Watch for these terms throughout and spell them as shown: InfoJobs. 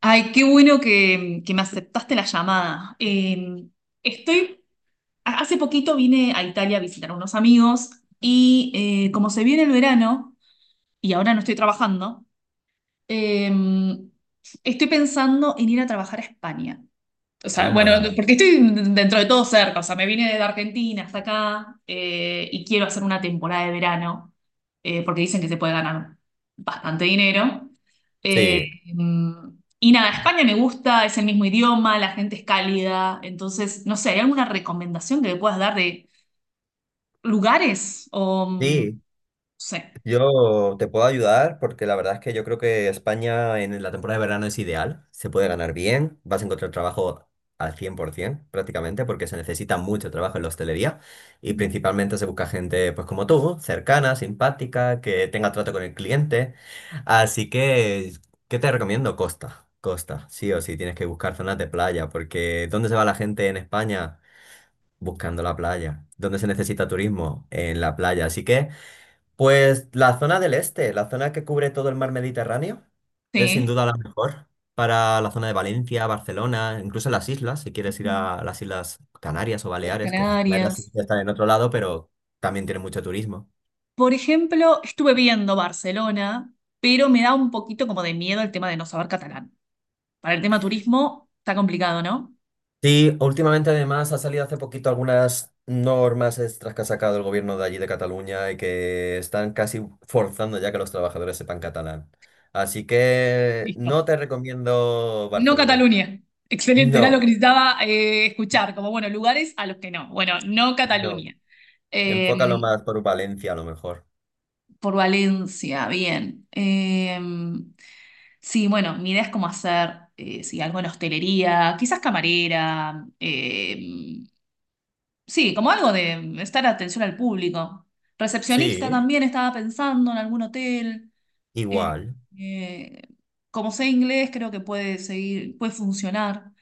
Ay, qué bueno que me aceptaste la llamada. Estoy, hace poquito vine a Italia a visitar a unos amigos y como se viene el verano y ahora no estoy trabajando. eh, Estoy pensando en ir a trabajar a España. O sea, bueno, Anda. porque estoy dentro de todo cerca, o sea, me vine desde Argentina hasta acá y quiero hacer una temporada de verano, porque dicen que se puede ganar bastante dinero. Eh, Sí, y nada, España me gusta, es el mismo idioma, la gente es cálida, entonces, no sé, ¿hay alguna recomendación que le puedas dar de lugares? O, no sí, sé, yo te puedo ayudar porque la verdad es que yo creo que España en la temporada de verano es ideal, se puede ganar bien, vas a encontrar trabajo al 100% prácticamente porque se necesita mucho trabajo en la hostelería y principalmente se busca gente pues como tú, cercana, simpática, que tenga trato con el cliente. Así que, ¿qué te recomiendo? Costa, sí o sí, tienes que buscar zonas de playa porque ¿dónde se va la gente en España? Buscando la playa. ¿Dónde se necesita turismo? En la playa. Así que, pues la zona del este, la zona que cubre todo el mar Mediterráneo, es sin sí. duda la mejor para la zona de Valencia, Barcelona, incluso las islas, si quieres ir Ujú. a las Islas Canarias o Las Baleares, que las Canarias sí Canarias. que están en otro lado, pero también tienen mucho turismo. Por ejemplo, estuve viendo Barcelona, pero me da un poquito como de miedo el tema de no saber catalán. Para el tema turismo está complicado, ¿no? Sí, últimamente además ha salido hace poquito algunas normas extras que ha sacado el gobierno de allí de Cataluña y que están casi forzando ya que los trabajadores sepan catalán. Así que Listo. no te recomiendo No Barcelona. Cataluña. Excelente, era lo que No, necesitaba escuchar, como bueno, lugares a los que no. Bueno, no no. Cataluña. Enfócalo Eh, más por Valencia a lo mejor. por Valencia, bien. Sí, bueno, mi idea es como hacer, sí, algo en hostelería, quizás camarera, sí, como algo de estar atención al público. Recepcionista Sí, también estaba pensando en algún hotel. Eh, igual. eh, Como sé inglés, creo que puede seguir, puede funcionar.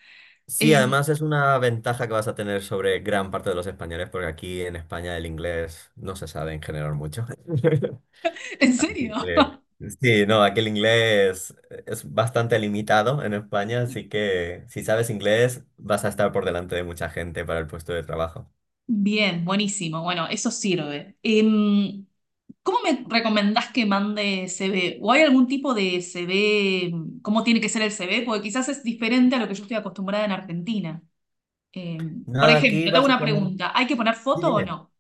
Sí, Sí. además es una ventaja que vas a tener sobre gran parte de los españoles porque aquí en España el inglés no se sabe en general mucho. ¿En serio? Eh, Sí, no, aquí el inglés es bastante limitado en España, así que si sabes inglés vas a estar por delante de mucha gente para el puesto de trabajo. Bien, buenísimo. Bueno, eso sirve. ¿Cómo me recomendás que mande CV? ¿O hay algún tipo de CV? ¿Cómo tiene que ser el CV? Porque quizás es diferente a lo que yo estoy acostumbrada en Argentina. Por Nada, aquí ejemplo, tengo una básicamente... pregunta. ¿Hay que poner Sí, foto o dime. no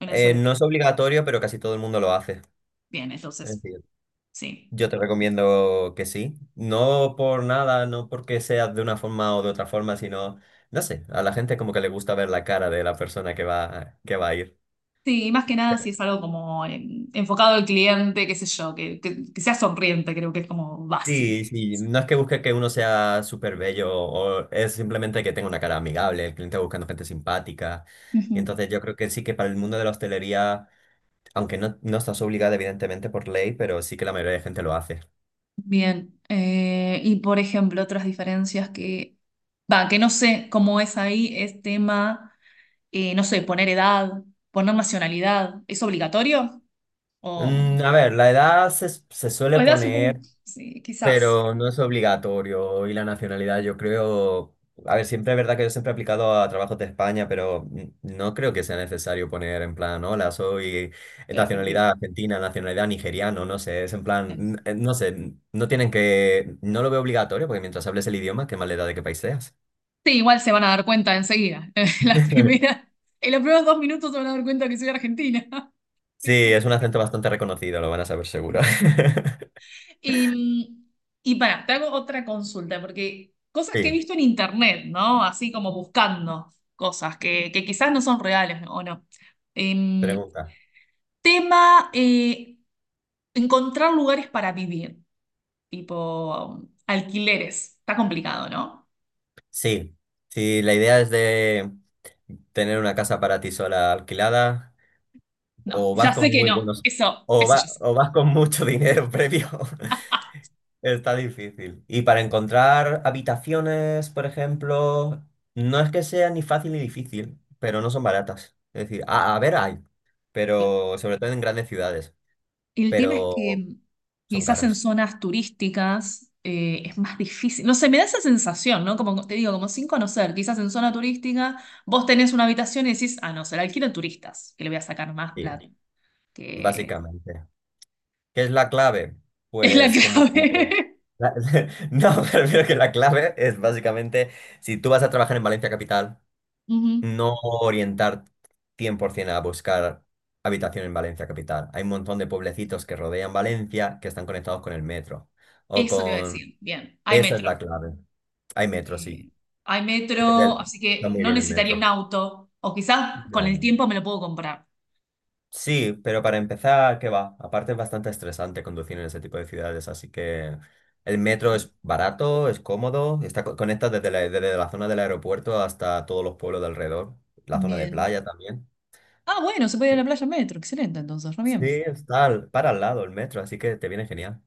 en el CV? No es obligatorio, pero casi todo el mundo lo hace. Bien, Es entonces. decir, Sí, yo te recomiendo que sí. No por nada, no porque sea de una forma o de otra forma, sino, no sé, a la gente como que le gusta ver la cara de la persona que va a ir. sí, y más que nada si es algo como enfocado al cliente, qué sé yo, que sea sonriente, creo que es como básico. Sí, sí, no es que busque que uno sea súper bello, o es simplemente que tenga una cara amigable, el cliente va buscando gente simpática. Y Ujú. entonces yo creo que sí que para el mundo de la hostelería, aunque no, no estás obligada evidentemente por ley, pero sí que la mayoría de gente lo hace. Bien, y por ejemplo, otras diferencias que, va, que no sé cómo es ahí, es tema, no sé, poner edad, poner nacionalidad, ¿es obligatorio? O, A ver, la edad se suele o edad supongo, poner. sí, quizás, Pero no es obligatorio y la nacionalidad, yo creo, a ver, siempre es verdad que yo siempre he aplicado a trabajos de España, pero no creo que sea necesario poner en plan, hola, soy de Argentina. nacionalidad argentina, nacionalidad nigeriano, no sé, es en plan, no sé, no tienen que, no lo veo obligatorio porque mientras hables el idioma, qué más le da de qué país seas. Sí, igual se van a dar cuenta enseguida. En los primeros dos minutos se van a dar cuenta que soy argentina. Sí, Así es que- un acento bastante reconocido, lo van a saber seguro. Y, y para, te hago otra consulta, porque cosas que he Sí, visto en internet, ¿no? Así como buscando cosas que quizás no son reales o no. Em, pregunta. Tema, encontrar lugares para vivir, tipo alquileres. Está complicado, ¿no? Sí, si la idea es de tener una casa para ti sola alquilada. No, O ya vas con sé que muy no. buenos, Eso, eso ya sé. o vas con mucho dinero previo. Está difícil. Y para encontrar habitaciones, por ejemplo, no es que sea ni fácil ni difícil, pero no son baratas. Es decir, a ver, hay, Claro. pero sobre todo en grandes ciudades, El tema es pero que son quizás en caras. zonas turísticas es más difícil. No sé, me da esa sensación, ¿no? Como te digo, como sin conocer. Quizás en zona turística vos tenés una habitación y decís, ah, no, se la alquilo a turistas, que le voy a sacar más Sí, plata, que básicamente. ¿Qué es la clave? es la Pues como... como- clave. la- No, prefiero que la clave es básicamente, si tú vas a trabajar en Valencia Capital, Ujú. no orientar 100% a buscar habitación en Valencia capital. Hay un montón de pueblecitos que rodean Valencia que están conectados con el metro o Eso te iba a con... decir. Bien, hay Esa es metro. la clave. Hay metro, sí. Eh, Hay Desde el- metro, así Está que muy no bien el necesitaría un metro. auto. O quizás con No. el no. tiempo me lo puedo comprar. Sí, pero para empezar, ¿qué va? Aparte es bastante estresante conducir en ese tipo de ciudades, así que el metro Sí. es barato, es cómodo, conecta desde la zona del aeropuerto hasta todos los pueblos de alrededor, la zona de Bien. playa también. Ah, bueno, se puede ir a la playa en metro. Excelente, entonces, re bien. Sí, para al lado el metro, así que te viene genial.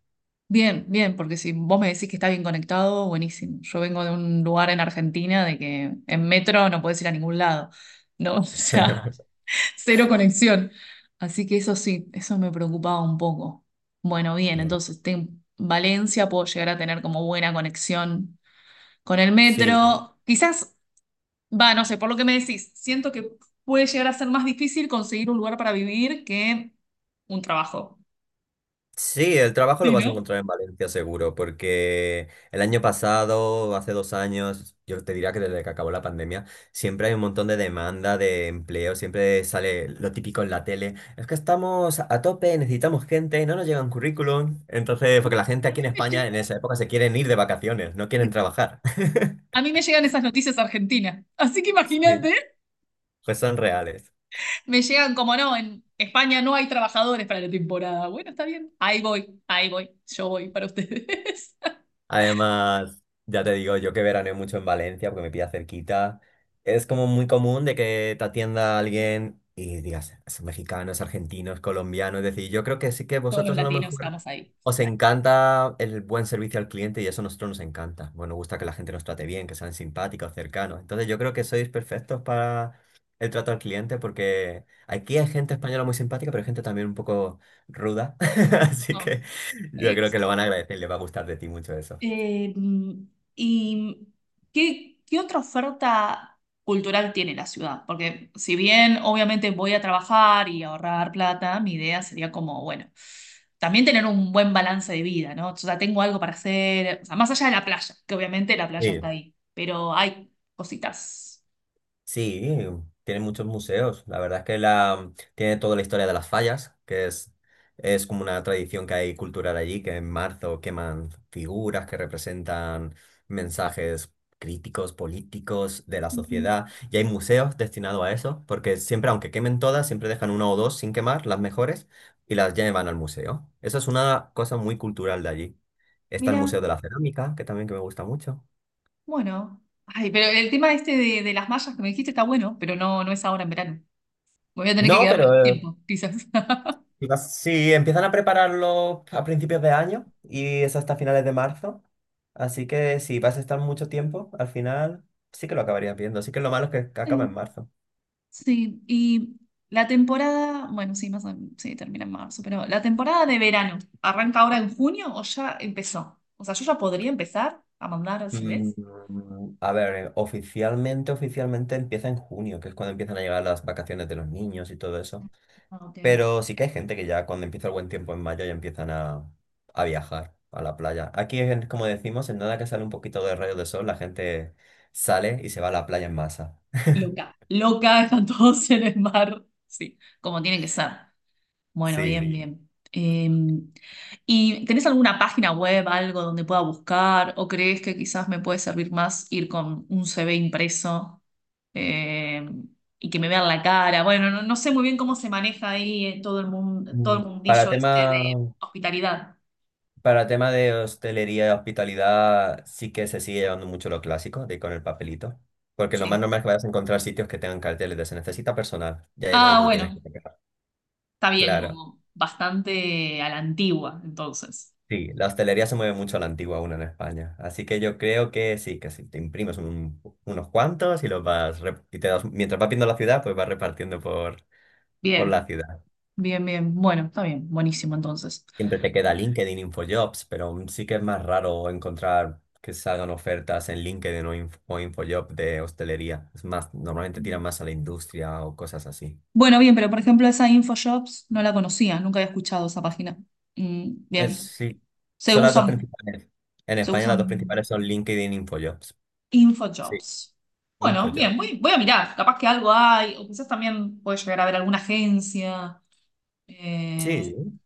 Bien, bien, porque si vos me decís que está bien conectado, buenísimo. Yo vengo de un lugar en Argentina de que en metro no podés ir a ningún lado, ¿no? O sea, cero conexión. Así que eso sí, eso me preocupaba un poco. Bueno, bien, No. entonces en Valencia puedo llegar a tener como buena conexión con el Sí, metro. Quizás, va, no sé, por lo que me decís, siento que puede llegar a ser más difícil conseguir un lugar para vivir que un trabajo. sí, el trabajo lo Sí, vas a ¿no? encontrar en Valencia seguro, porque el año pasado, hace dos años, yo te diría que desde que acabó la pandemia, siempre hay un montón de demanda de empleo, siempre sale lo típico en la tele, es que estamos a tope, necesitamos gente, no nos llegan currículum, entonces, A porque mí, la gente a aquí mí en me España en llega. esa época se quieren ir de vacaciones, no quieren trabajar. A mí me llegan esas noticias argentinas. Así que Sí, imagínate, pues son reales. me llegan como no, en España no hay trabajadores para la temporada. Bueno, está bien. Ahí voy, ahí voy. Yo voy para ustedes. Además, ya te digo, yo que veraneo mucho en Valencia porque me pilla cerquita. Es como muy común de que te atienda alguien y digas, es mexicano, es argentino, es colombiano. Es decir, yo creo que sí que Todos los vosotros a lo latinos mejor estamos ahí. os encanta el buen servicio al cliente y eso a nosotros nos encanta. Bueno, nos gusta que la gente nos trate bien, que sean simpáticos, cercanos. Entonces yo creo que sois perfectos para el trato al cliente porque aquí hay gente española muy simpática, pero hay gente también un poco ruda. Así que... Somos- Yo sí, creo que lo sí. van a agradecer y les va a gustar de ti mucho eso. Eh, ¿Y qué otra oferta cultural tiene la ciudad? Porque si bien obviamente voy a trabajar y ahorrar plata, mi idea sería como, bueno, también tener un buen balance de vida, ¿no? O sea, tengo algo para hacer, o sea, más allá de la playa, que obviamente la playa está Sí, ahí, pero hay cositas. sí, tiene muchos museos. La verdad es que la, tiene toda la historia de las fallas, que es como una tradición que hay cultural allí, que en marzo queman figuras que representan mensajes críticos, políticos de la Ujú. sociedad. Y hay museos destinados a eso, porque siempre, aunque quemen todas, siempre dejan una o dos sin quemar, las mejores, y las llevan al museo. Eso es una cosa muy cultural de allí. Está el Mira, Museo de la Cerámica, que también que me gusta mucho. bueno. Ay, pero el tema este de las mallas que me dijiste está bueno, pero no, no es ahora en verano. Me voy a tener que No, quedar pero más tiempo, quizás. Y vas- Sí, empiezan a prepararlo a principios de año y es hasta finales de marzo. Así que si vas a estar mucho tiempo, al final sí que lo acabarías viendo. Así que lo malo es que acaba en marzo. Sí, y la temporada, bueno, sí, sí, termina en marzo, pero la temporada de verano, ¿arranca ahora en junio o ya empezó? O sea, yo ya podría empezar a mandar Mm, CVs. a ver, oficialmente empieza en junio, que es cuando empiezan a llegar las vacaciones de los niños y todo eso. Ah, ok. Pero sí que hay gente que ya cuando empieza el buen tiempo en mayo ya a viajar a la playa. Aquí, como decimos, en nada que sale un poquito de rayos de sol, la gente sale y se va a la playa en masa. Loca, loca, están todos en el mar. Sí, como tienen que ser. Bueno, bien. Sí, Sí, bien. Eh, ¿Y tenés alguna página web, algo donde pueda buscar? ¿O crees que quizás me puede servir más ir con un CV impreso? eh, y que me vean la cara. Bueno, no, no sé muy bien cómo se maneja ahí todo el mundo, todo Mm, el Para mundillo este tema, de hospitalidad. para tema de hostelería y hospitalidad, sí que se sigue llevando mucho lo clásico, de ir con el papelito. Porque lo más Sí. normal es que vayas a encontrar sitios que tengan carteles de se necesita personal, ya es donde Ah, tú tienes bueno, que pegar. está bien, Claro. como bastante a la antigua, entonces. Sí, la hostelería se mueve mucho a la antigua aún en España. Así que yo creo que sí, que si te imprimes unos cuantos y los vas, mientras vas viendo la ciudad, pues vas repartiendo por Bien, la ciudad. bien, bien. Bueno, está bien, buenísimo entonces. Siempre te queda LinkedIn, InfoJobs, pero sí que es más raro encontrar que salgan ofertas en LinkedIn o, InfoJob de hostelería. Es más, normalmente tiran más a la industria o cosas así. Bueno, bien, pero por ejemplo esa InfoShops no la conocía, nunca había escuchado esa página. Es, Bien, sí, se son las dos usan, principales. En se España las dos usan. principales son LinkedIn, InfoJobs. Sí, InfoJobs. Bueno, bien, InfoJob. voy, voy, a mirar, capaz que algo hay, o quizás también puede llegar a ver alguna agencia eh, Sí,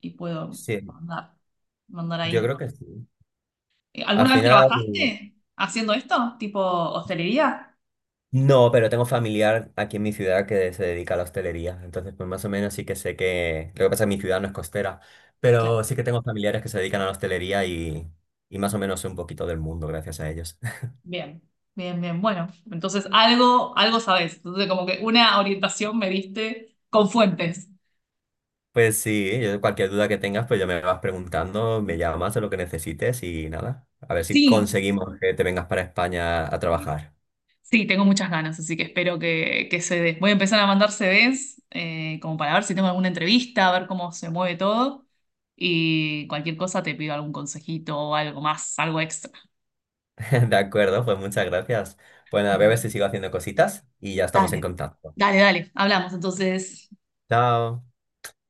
y puedo sí, mandar, mandar yo ahí. creo que sí. Al ¿Alguna vez final, trabajaste haciendo esto? ¿Tipo hostelería? no, pero tengo familiar aquí en mi ciudad que se dedica a la hostelería, entonces pues más o menos sí que sé que... Lo que pasa es que mi ciudad no es costera, Claro, pero sí que tengo familiares que se dedican a la hostelería y más o menos sé un poquito del mundo gracias a ellos. bien, bien, bien. Bueno, entonces algo, algo sabes. Entonces, como que una orientación me diste con fuentes. Pues sí, yo- cualquier duda que tengas, pues ya me vas preguntando, me llamas de lo que necesites y nada, a ver si Sí, conseguimos que te vengas para España a sí. trabajar. Sí, tengo muchas ganas, así que espero que se dé. Voy a empezar a mandar CVs como para ver si tengo alguna entrevista, a ver cómo se mueve todo. Y cualquier cosa te pido algún consejito o algo más, algo extra. De acuerdo, pues muchas gracias. Bueno, a ver Mm, si sigo haciendo cositas y ya estamos en dale. contacto. Dale, dale, hablamos entonces. Chao.